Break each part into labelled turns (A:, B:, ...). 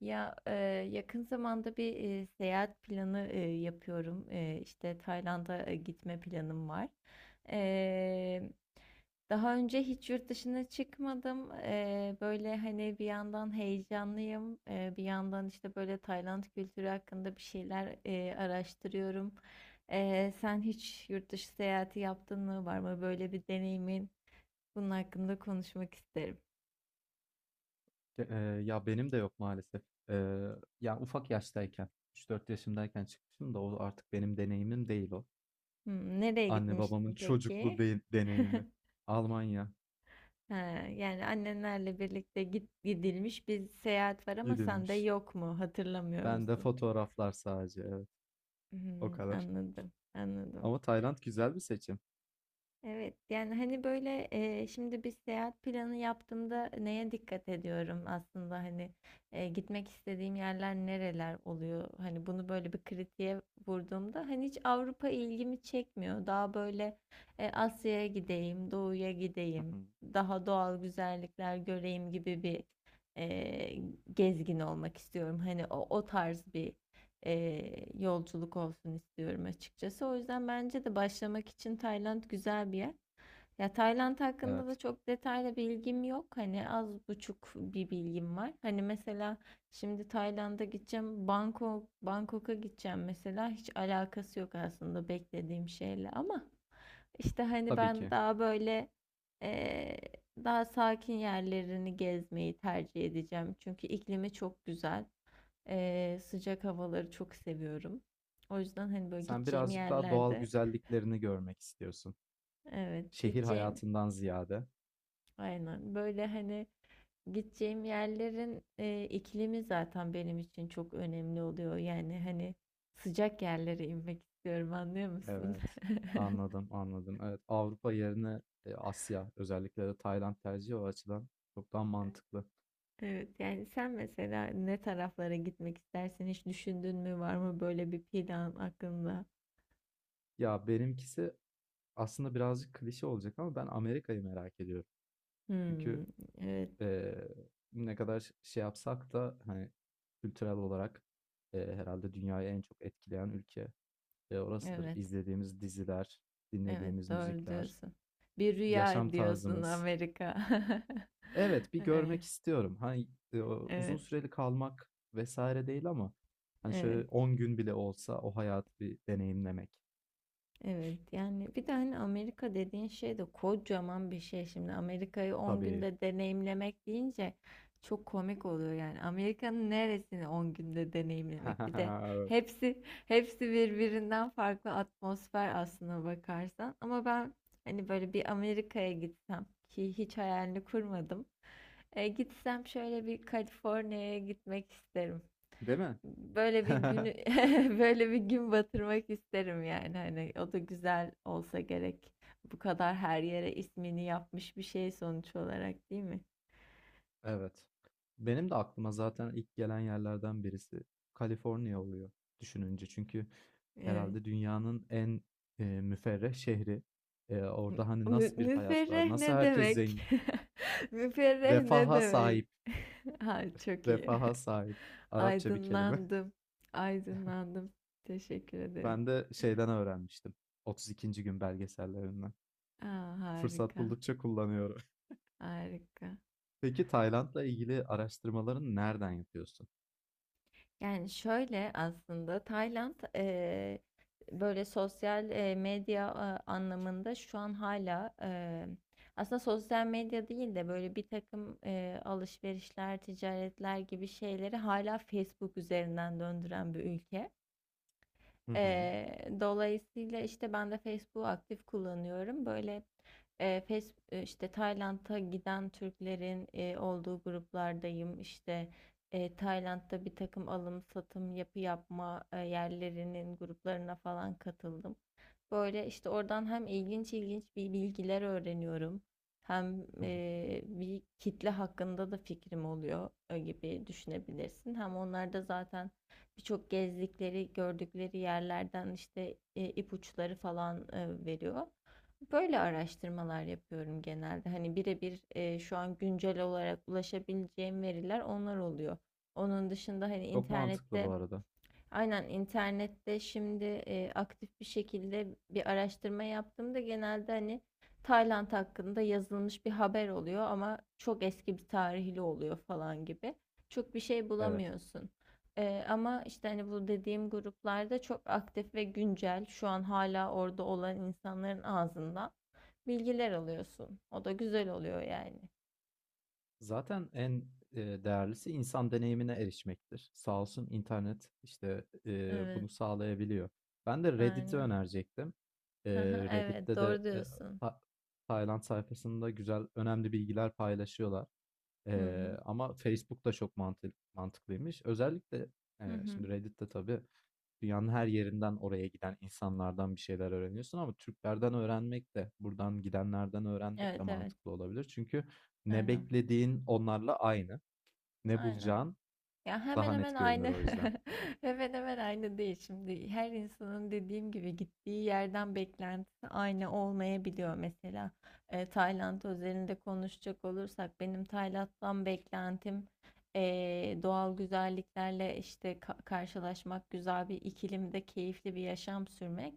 A: Ya, yakın zamanda bir seyahat planı yapıyorum. E, işte Tayland'a gitme planım var. E, daha önce hiç yurt dışına çıkmadım. Böyle hani bir yandan heyecanlıyım, bir yandan işte böyle Tayland kültürü hakkında bir şeyler araştırıyorum. Sen hiç yurt dışı seyahati yaptın mı? Var mı böyle bir deneyimin? Bunun hakkında konuşmak isterim.
B: Ke- e, Ya benim de yok maalesef. E, Ya ufak yaştayken, üç dört yaşımdayken çıkmışım da o artık benim deneyimim değil o.
A: Hmm, nereye
B: Anne
A: gitmiştin
B: babamın
A: peki?
B: deneyimi. Almanya
A: Ha, yani annenlerle birlikte gidilmiş bir seyahat var ama sen de
B: gidilmiş.
A: yok mu? Hatırlamıyor
B: Ben de
A: musun?
B: fotoğraflar sadece, evet, o
A: Hmm,
B: kadar.
A: anladım, anladım.
B: Ama Tayland güzel bir seçim.
A: Evet, yani hani böyle şimdi bir seyahat planı yaptığımda neye dikkat ediyorum aslında, hani gitmek istediğim yerler nereler oluyor, hani bunu böyle bir kritiğe vurduğumda hani hiç Avrupa ilgimi çekmiyor, daha böyle Asya'ya gideyim, doğuya
B: Hı
A: gideyim,
B: hı.
A: daha doğal güzellikler göreyim gibi bir e, gezgin olmak istiyorum, hani o tarz bir yolculuk olsun istiyorum açıkçası. O yüzden bence de başlamak için Tayland güzel bir yer. Ya, Tayland hakkında da
B: Evet,
A: çok detaylı bilgim yok. Hani az buçuk bir bilgim var. Hani mesela şimdi Tayland'a gideceğim, Bangkok'a gideceğim mesela, hiç alakası yok aslında beklediğim şeyle, ama işte hani
B: tabii
A: ben
B: ki.
A: daha böyle eee, daha sakin yerlerini gezmeyi tercih edeceğim. Çünkü iklimi çok güzel. Sıcak havaları çok seviyorum. O yüzden hani böyle
B: Sen
A: gideceğim
B: birazcık daha doğal
A: yerlerde,
B: güzelliklerini görmek istiyorsun.
A: evet,
B: Şehir
A: gideceğim,
B: hayatından ziyade.
A: aynen, böyle hani gideceğim yerlerin iklimi zaten benim için çok önemli oluyor. Yani hani sıcak yerlere inmek istiyorum, anlıyor musun?
B: Evet. Anladım, anladım. Evet, Avrupa yerine Asya, özellikle de Tayland tercihi o açıdan çok daha mantıklı.
A: Evet, yani sen mesela ne taraflara gitmek istersin, hiç düşündün mü, var mı böyle bir plan aklında?
B: Ya benimkisi aslında birazcık klişe olacak ama ben Amerika'yı merak ediyorum.
A: Hmm,
B: Çünkü
A: evet,
B: e, ne kadar şey yapsak da hani kültürel olarak herhalde dünyayı en çok etkileyen ülke orasıdır.
A: evet.
B: İzlediğimiz diziler,
A: Evet,
B: dinlediğimiz
A: doğru
B: müzikler,
A: diyorsun. Bir
B: yaşam
A: rüya diyorsun
B: tarzımız.
A: Amerika.
B: Evet, bir
A: Evet,
B: görmek istiyorum. Hani, eee, uzun
A: evet,
B: süreli kalmak vesaire değil ama hani
A: evet.
B: şöyle 10 gün bile olsa o hayatı bir deneyimlemek.
A: Evet. Yani bir de hani Amerika dediğin şey de kocaman bir şey şimdi. Amerika'yı on
B: Tabii.
A: günde deneyimlemek deyince çok komik oluyor yani. Amerika'nın neresini 10 günde deneyimlemek? Bir de hepsi birbirinden farklı atmosfer aslına bakarsan. Ama ben hani böyle bir Amerika'ya gitsem ki, hiç hayalini kurmadım. Gitsem şöyle bir Kaliforniya'ya gitmek isterim.
B: Değil mi?
A: Böyle bir günü böyle bir gün batırmak isterim, yani hani o da güzel olsa gerek. Bu kadar her yere ismini yapmış bir şey sonuç olarak, değil mi?
B: Evet. Benim de aklıma zaten ilk gelen yerlerden birisi Kaliforniya oluyor düşününce. Çünkü
A: Evet.
B: herhalde dünyanın en müferreh şehri. Orada hani
A: Mü-
B: nasıl bir hayat var?
A: müferreh
B: Nasıl
A: ne
B: herkes
A: demek?
B: zengin?
A: Müferreh ne
B: Refaha
A: demek?
B: sahip.
A: Ha, çok iyi.
B: Refaha sahip. Arapça bir kelime.
A: Aydınlandım. Aydınlandım. Teşekkür ederim.
B: Ben de şeyden öğrenmiştim. 32. gün belgesellerinden.
A: Aa,
B: Fırsat
A: harika.
B: buldukça kullanıyorum.
A: Harika.
B: Peki Tayland'la ilgili araştırmalarını nereden yapıyorsun?
A: Yani şöyle, aslında Tayland böyle sosyal medya anlamında, şu an hala aslında sosyal medya değil de böyle bir takım alışverişler, ticaretler gibi şeyleri hala Facebook üzerinden döndüren bir ülke.
B: Hı hı.
A: Dolayısıyla işte ben de Facebook'u aktif kullanıyorum. Böyle işte Tayland'a giden Türklerin olduğu gruplardayım. İşte Tayland'da bir takım alım satım yapma yerlerinin gruplarına falan katıldım. Böyle işte oradan hem ilginç ilginç bir bilgiler öğreniyorum. Hem
B: Hı hı.
A: bir kitle hakkında da fikrim oluyor gibi düşünebilirsin. Hem onlar da zaten birçok gezdikleri, gördükleri yerlerden işte ipuçları falan veriyor. Böyle araştırmalar yapıyorum genelde. Hani birebir şu an güncel olarak ulaşabileceğim veriler onlar oluyor. Onun dışında hani
B: Çok mantıklı bu
A: internette,
B: arada.
A: aynen, internette şimdi aktif bir şekilde bir araştırma yaptığımda genelde hani Tayland hakkında yazılmış bir haber oluyor ama çok eski bir tarihli oluyor falan gibi. Çok bir şey
B: Evet.
A: bulamıyorsun. Ama işte hani bu dediğim gruplarda çok aktif ve güncel şu an hala orada olan insanların ağzından bilgiler alıyorsun. O da güzel oluyor yani.
B: Zaten en değerlisi insan deneyimine erişmektir. Sağ olsun internet işte
A: Evet,
B: bunu sağlayabiliyor. Ben de Reddit'i
A: aynen.
B: önerecektim. E,
A: Evet,
B: Reddit'te de
A: doğru diyorsun.
B: Ta- Tayland sayfasında güzel, önemli bilgiler paylaşıyorlar.
A: Hı hı.
B: Ama Facebook da çok mantıklıymış. Özellikle,
A: Hı hı.
B: şimdi Reddit'te tabii dünyanın her yerinden oraya giden insanlardan bir şeyler öğreniyorsun ama Türklerden öğrenmek de, buradan gidenlerden öğrenmek de
A: Evet, evet.
B: mantıklı olabilir. Çünkü ne
A: Aynen.
B: beklediğin onlarla aynı, ne
A: Aynen.
B: bulacağın
A: Ya, hemen
B: daha
A: hemen
B: net görünür
A: aynı.
B: o yüzden.
A: Hemen hemen aynı değil şimdi. Her insanın, dediğim gibi, gittiği yerden beklentisi aynı olmayabiliyor. Mesela Tayland özelinde konuşacak olursak benim Tayland'dan beklentim e, doğal güzelliklerle işte karşılaşmak, güzel bir iklimde keyifli bir yaşam sürmek.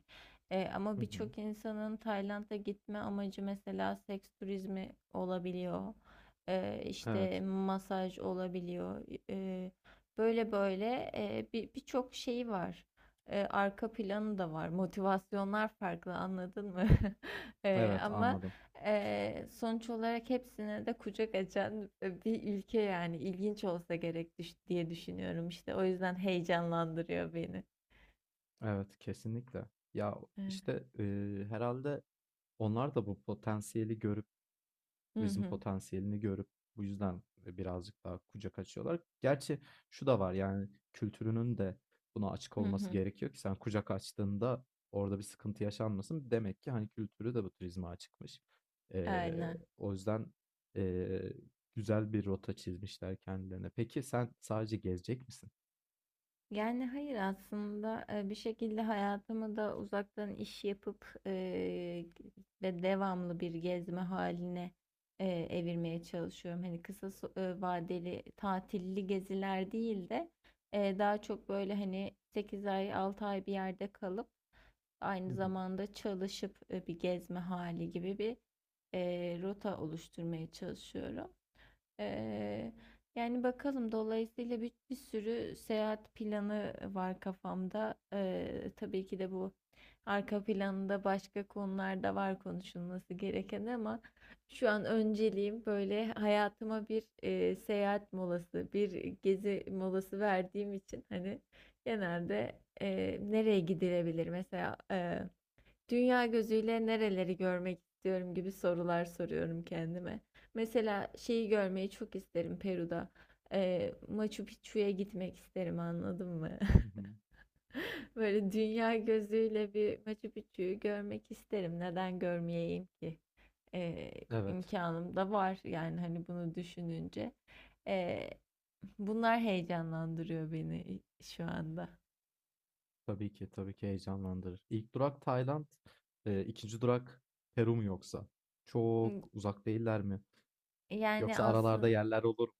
A: Ama
B: Hı hı.
A: birçok insanın Tayland'a gitme amacı, mesela, seks turizmi olabiliyor. E, işte
B: Evet,
A: masaj olabiliyor. E, Böyle böyle birçok şeyi var. Arka planı da var. Motivasyonlar farklı, anladın mı? E,
B: evet,
A: ama
B: anladım.
A: sonuç olarak hepsine de kucak açan bir ülke, yani ilginç olsa gerek diye düşünüyorum işte. O yüzden heyecanlandırıyor beni.
B: Evet, kesinlikle. Ya
A: Hı
B: işte herhalde onlar da bu potansiyeli görüp turizm
A: hı,
B: potansiyelini görüp bu yüzden, birazcık daha kucak açıyorlar. Gerçi şu da var, yani, kültürünün de buna açık
A: hı
B: olması
A: hı.
B: gerekiyor ki sen kucak açtığında orada bir sıkıntı yaşanmasın. Demek ki, hani, kültürü de bu turizme açıkmış.
A: Aynen.
B: O yüzden, eee, güzel bir rota çizmişler kendilerine. Peki sen sadece gezecek misin?
A: Yani hayır, aslında bir şekilde hayatımı da uzaktan iş yapıp ve devamlı bir gezme haline evirmeye çalışıyorum. Hani kısa vadeli tatilli geziler değil de daha çok böyle hani 8 ay 6 ay bir yerde kalıp
B: Hı
A: aynı
B: hı.
A: zamanda çalışıp bir gezme hali gibi bir rota oluşturmaya çalışıyorum. Eee, yani bakalım, dolayısıyla bir sürü seyahat planı var kafamda. Tabii ki de bu arka planında başka konular da var konuşulması gereken, ama şu an önceliğim böyle hayatıma bir seyahat molası, bir gezi molası verdiğim için hani genelde nereye gidilebilir mesela, dünya gözüyle nereleri görmek istiyorum gibi sorular soruyorum kendime. Mesela şeyi görmeyi çok isterim Peru'da. Machu Picchu'ya gitmek isterim, anladın mı?
B: Hı hı.
A: Böyle dünya gözüyle bir Machu Picchu'yu görmek isterim. Neden görmeyeyim ki? Ee,
B: Evet.
A: imkanım da var yani, hani bunu düşününce. Ee, bunlar heyecanlandırıyor beni şu anda.
B: Tabii ki, tabii ki heyecanlandırır. İlk durak Tayland, 2. durak Peru mu yoksa? Çok uzak değiller mi?
A: Yani
B: Yoksa aralarda
A: aslında,
B: yerler olur mu?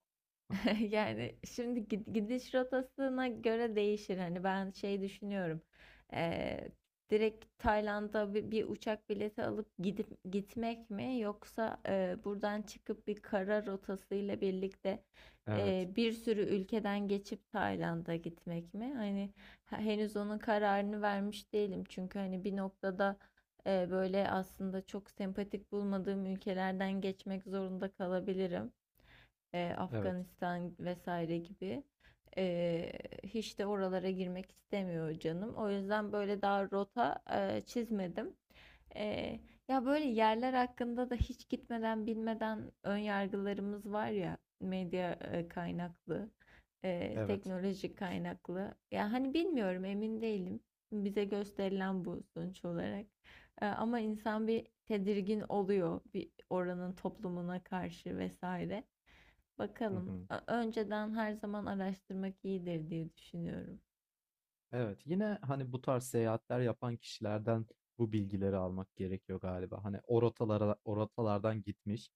A: yani şimdi gidiş rotasına göre değişir. Hani ben şey düşünüyorum. Eee, direkt Tayland'a bir uçak bileti alıp gidip gitmek mi, yoksa buradan çıkıp bir kara rotasıyla birlikte
B: Evet,
A: bir sürü ülkeden geçip Tayland'a gitmek mi? Hani henüz onun kararını vermiş değilim. Çünkü hani bir noktada böyle aslında çok sempatik bulmadığım ülkelerden geçmek zorunda kalabilirim,
B: evet,
A: Afganistan vesaire gibi. E, hiç de oralara girmek istemiyor canım. O yüzden böyle daha rota çizmedim. E, ya böyle yerler hakkında da hiç gitmeden bilmeden ön yargılarımız var ya, medya kaynaklı,
B: evet.
A: teknoloji kaynaklı. Ya hani bilmiyorum, emin değilim. Bize gösterilen bu sonuç olarak. Ama insan bir tedirgin oluyor bir oranın toplumuna karşı vesaire.
B: Hı
A: Bakalım.
B: hı.
A: Önceden her zaman araştırmak iyidir diye düşünüyorum.
B: Evet, yine hani bu tarz seyahatler yapan kişilerden bu bilgileri almak gerekiyor galiba. Hani o rotalara, o rotalardan gitmiş,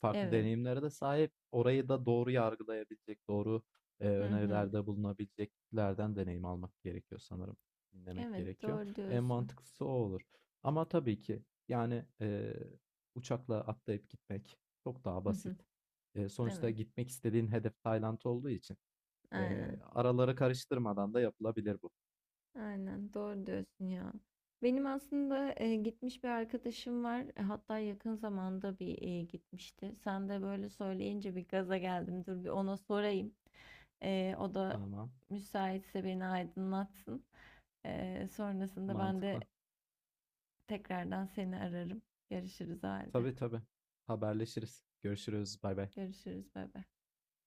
B: farklı
A: Evet.
B: deneyimlere de sahip, orayı da doğru yargılayabilecek, doğru
A: Hı hı.
B: önerilerde bulunabileceklerden deneyim almak gerekiyor sanırım. Dinlemek
A: Evet,
B: gerekiyor.
A: doğru
B: En
A: diyorsun.
B: mantıklısı o olur. Ama tabii ki yani uçakla atlayıp gitmek çok daha
A: Hı hı.
B: basit. Sonuçta
A: Evet.
B: gitmek istediğin hedef Tayland olduğu için
A: Aynen.
B: araları karıştırmadan da yapılabilir bu.
A: Aynen. Doğru diyorsun ya. Benim aslında gitmiş bir arkadaşım var. Hatta yakın zamanda bir gitmişti. Sen de böyle söyleyince bir gaza geldim. Dur bir ona sorayım. O da
B: Tamam.
A: müsaitse beni aydınlatsın. Sonrasında ben de
B: Mantıklı.
A: tekrardan seni ararım. Görüşürüz o halde.
B: Tabii tabii. Haberleşiriz. Görüşürüz. Bay bay.
A: Görüşürüz. Bay bay.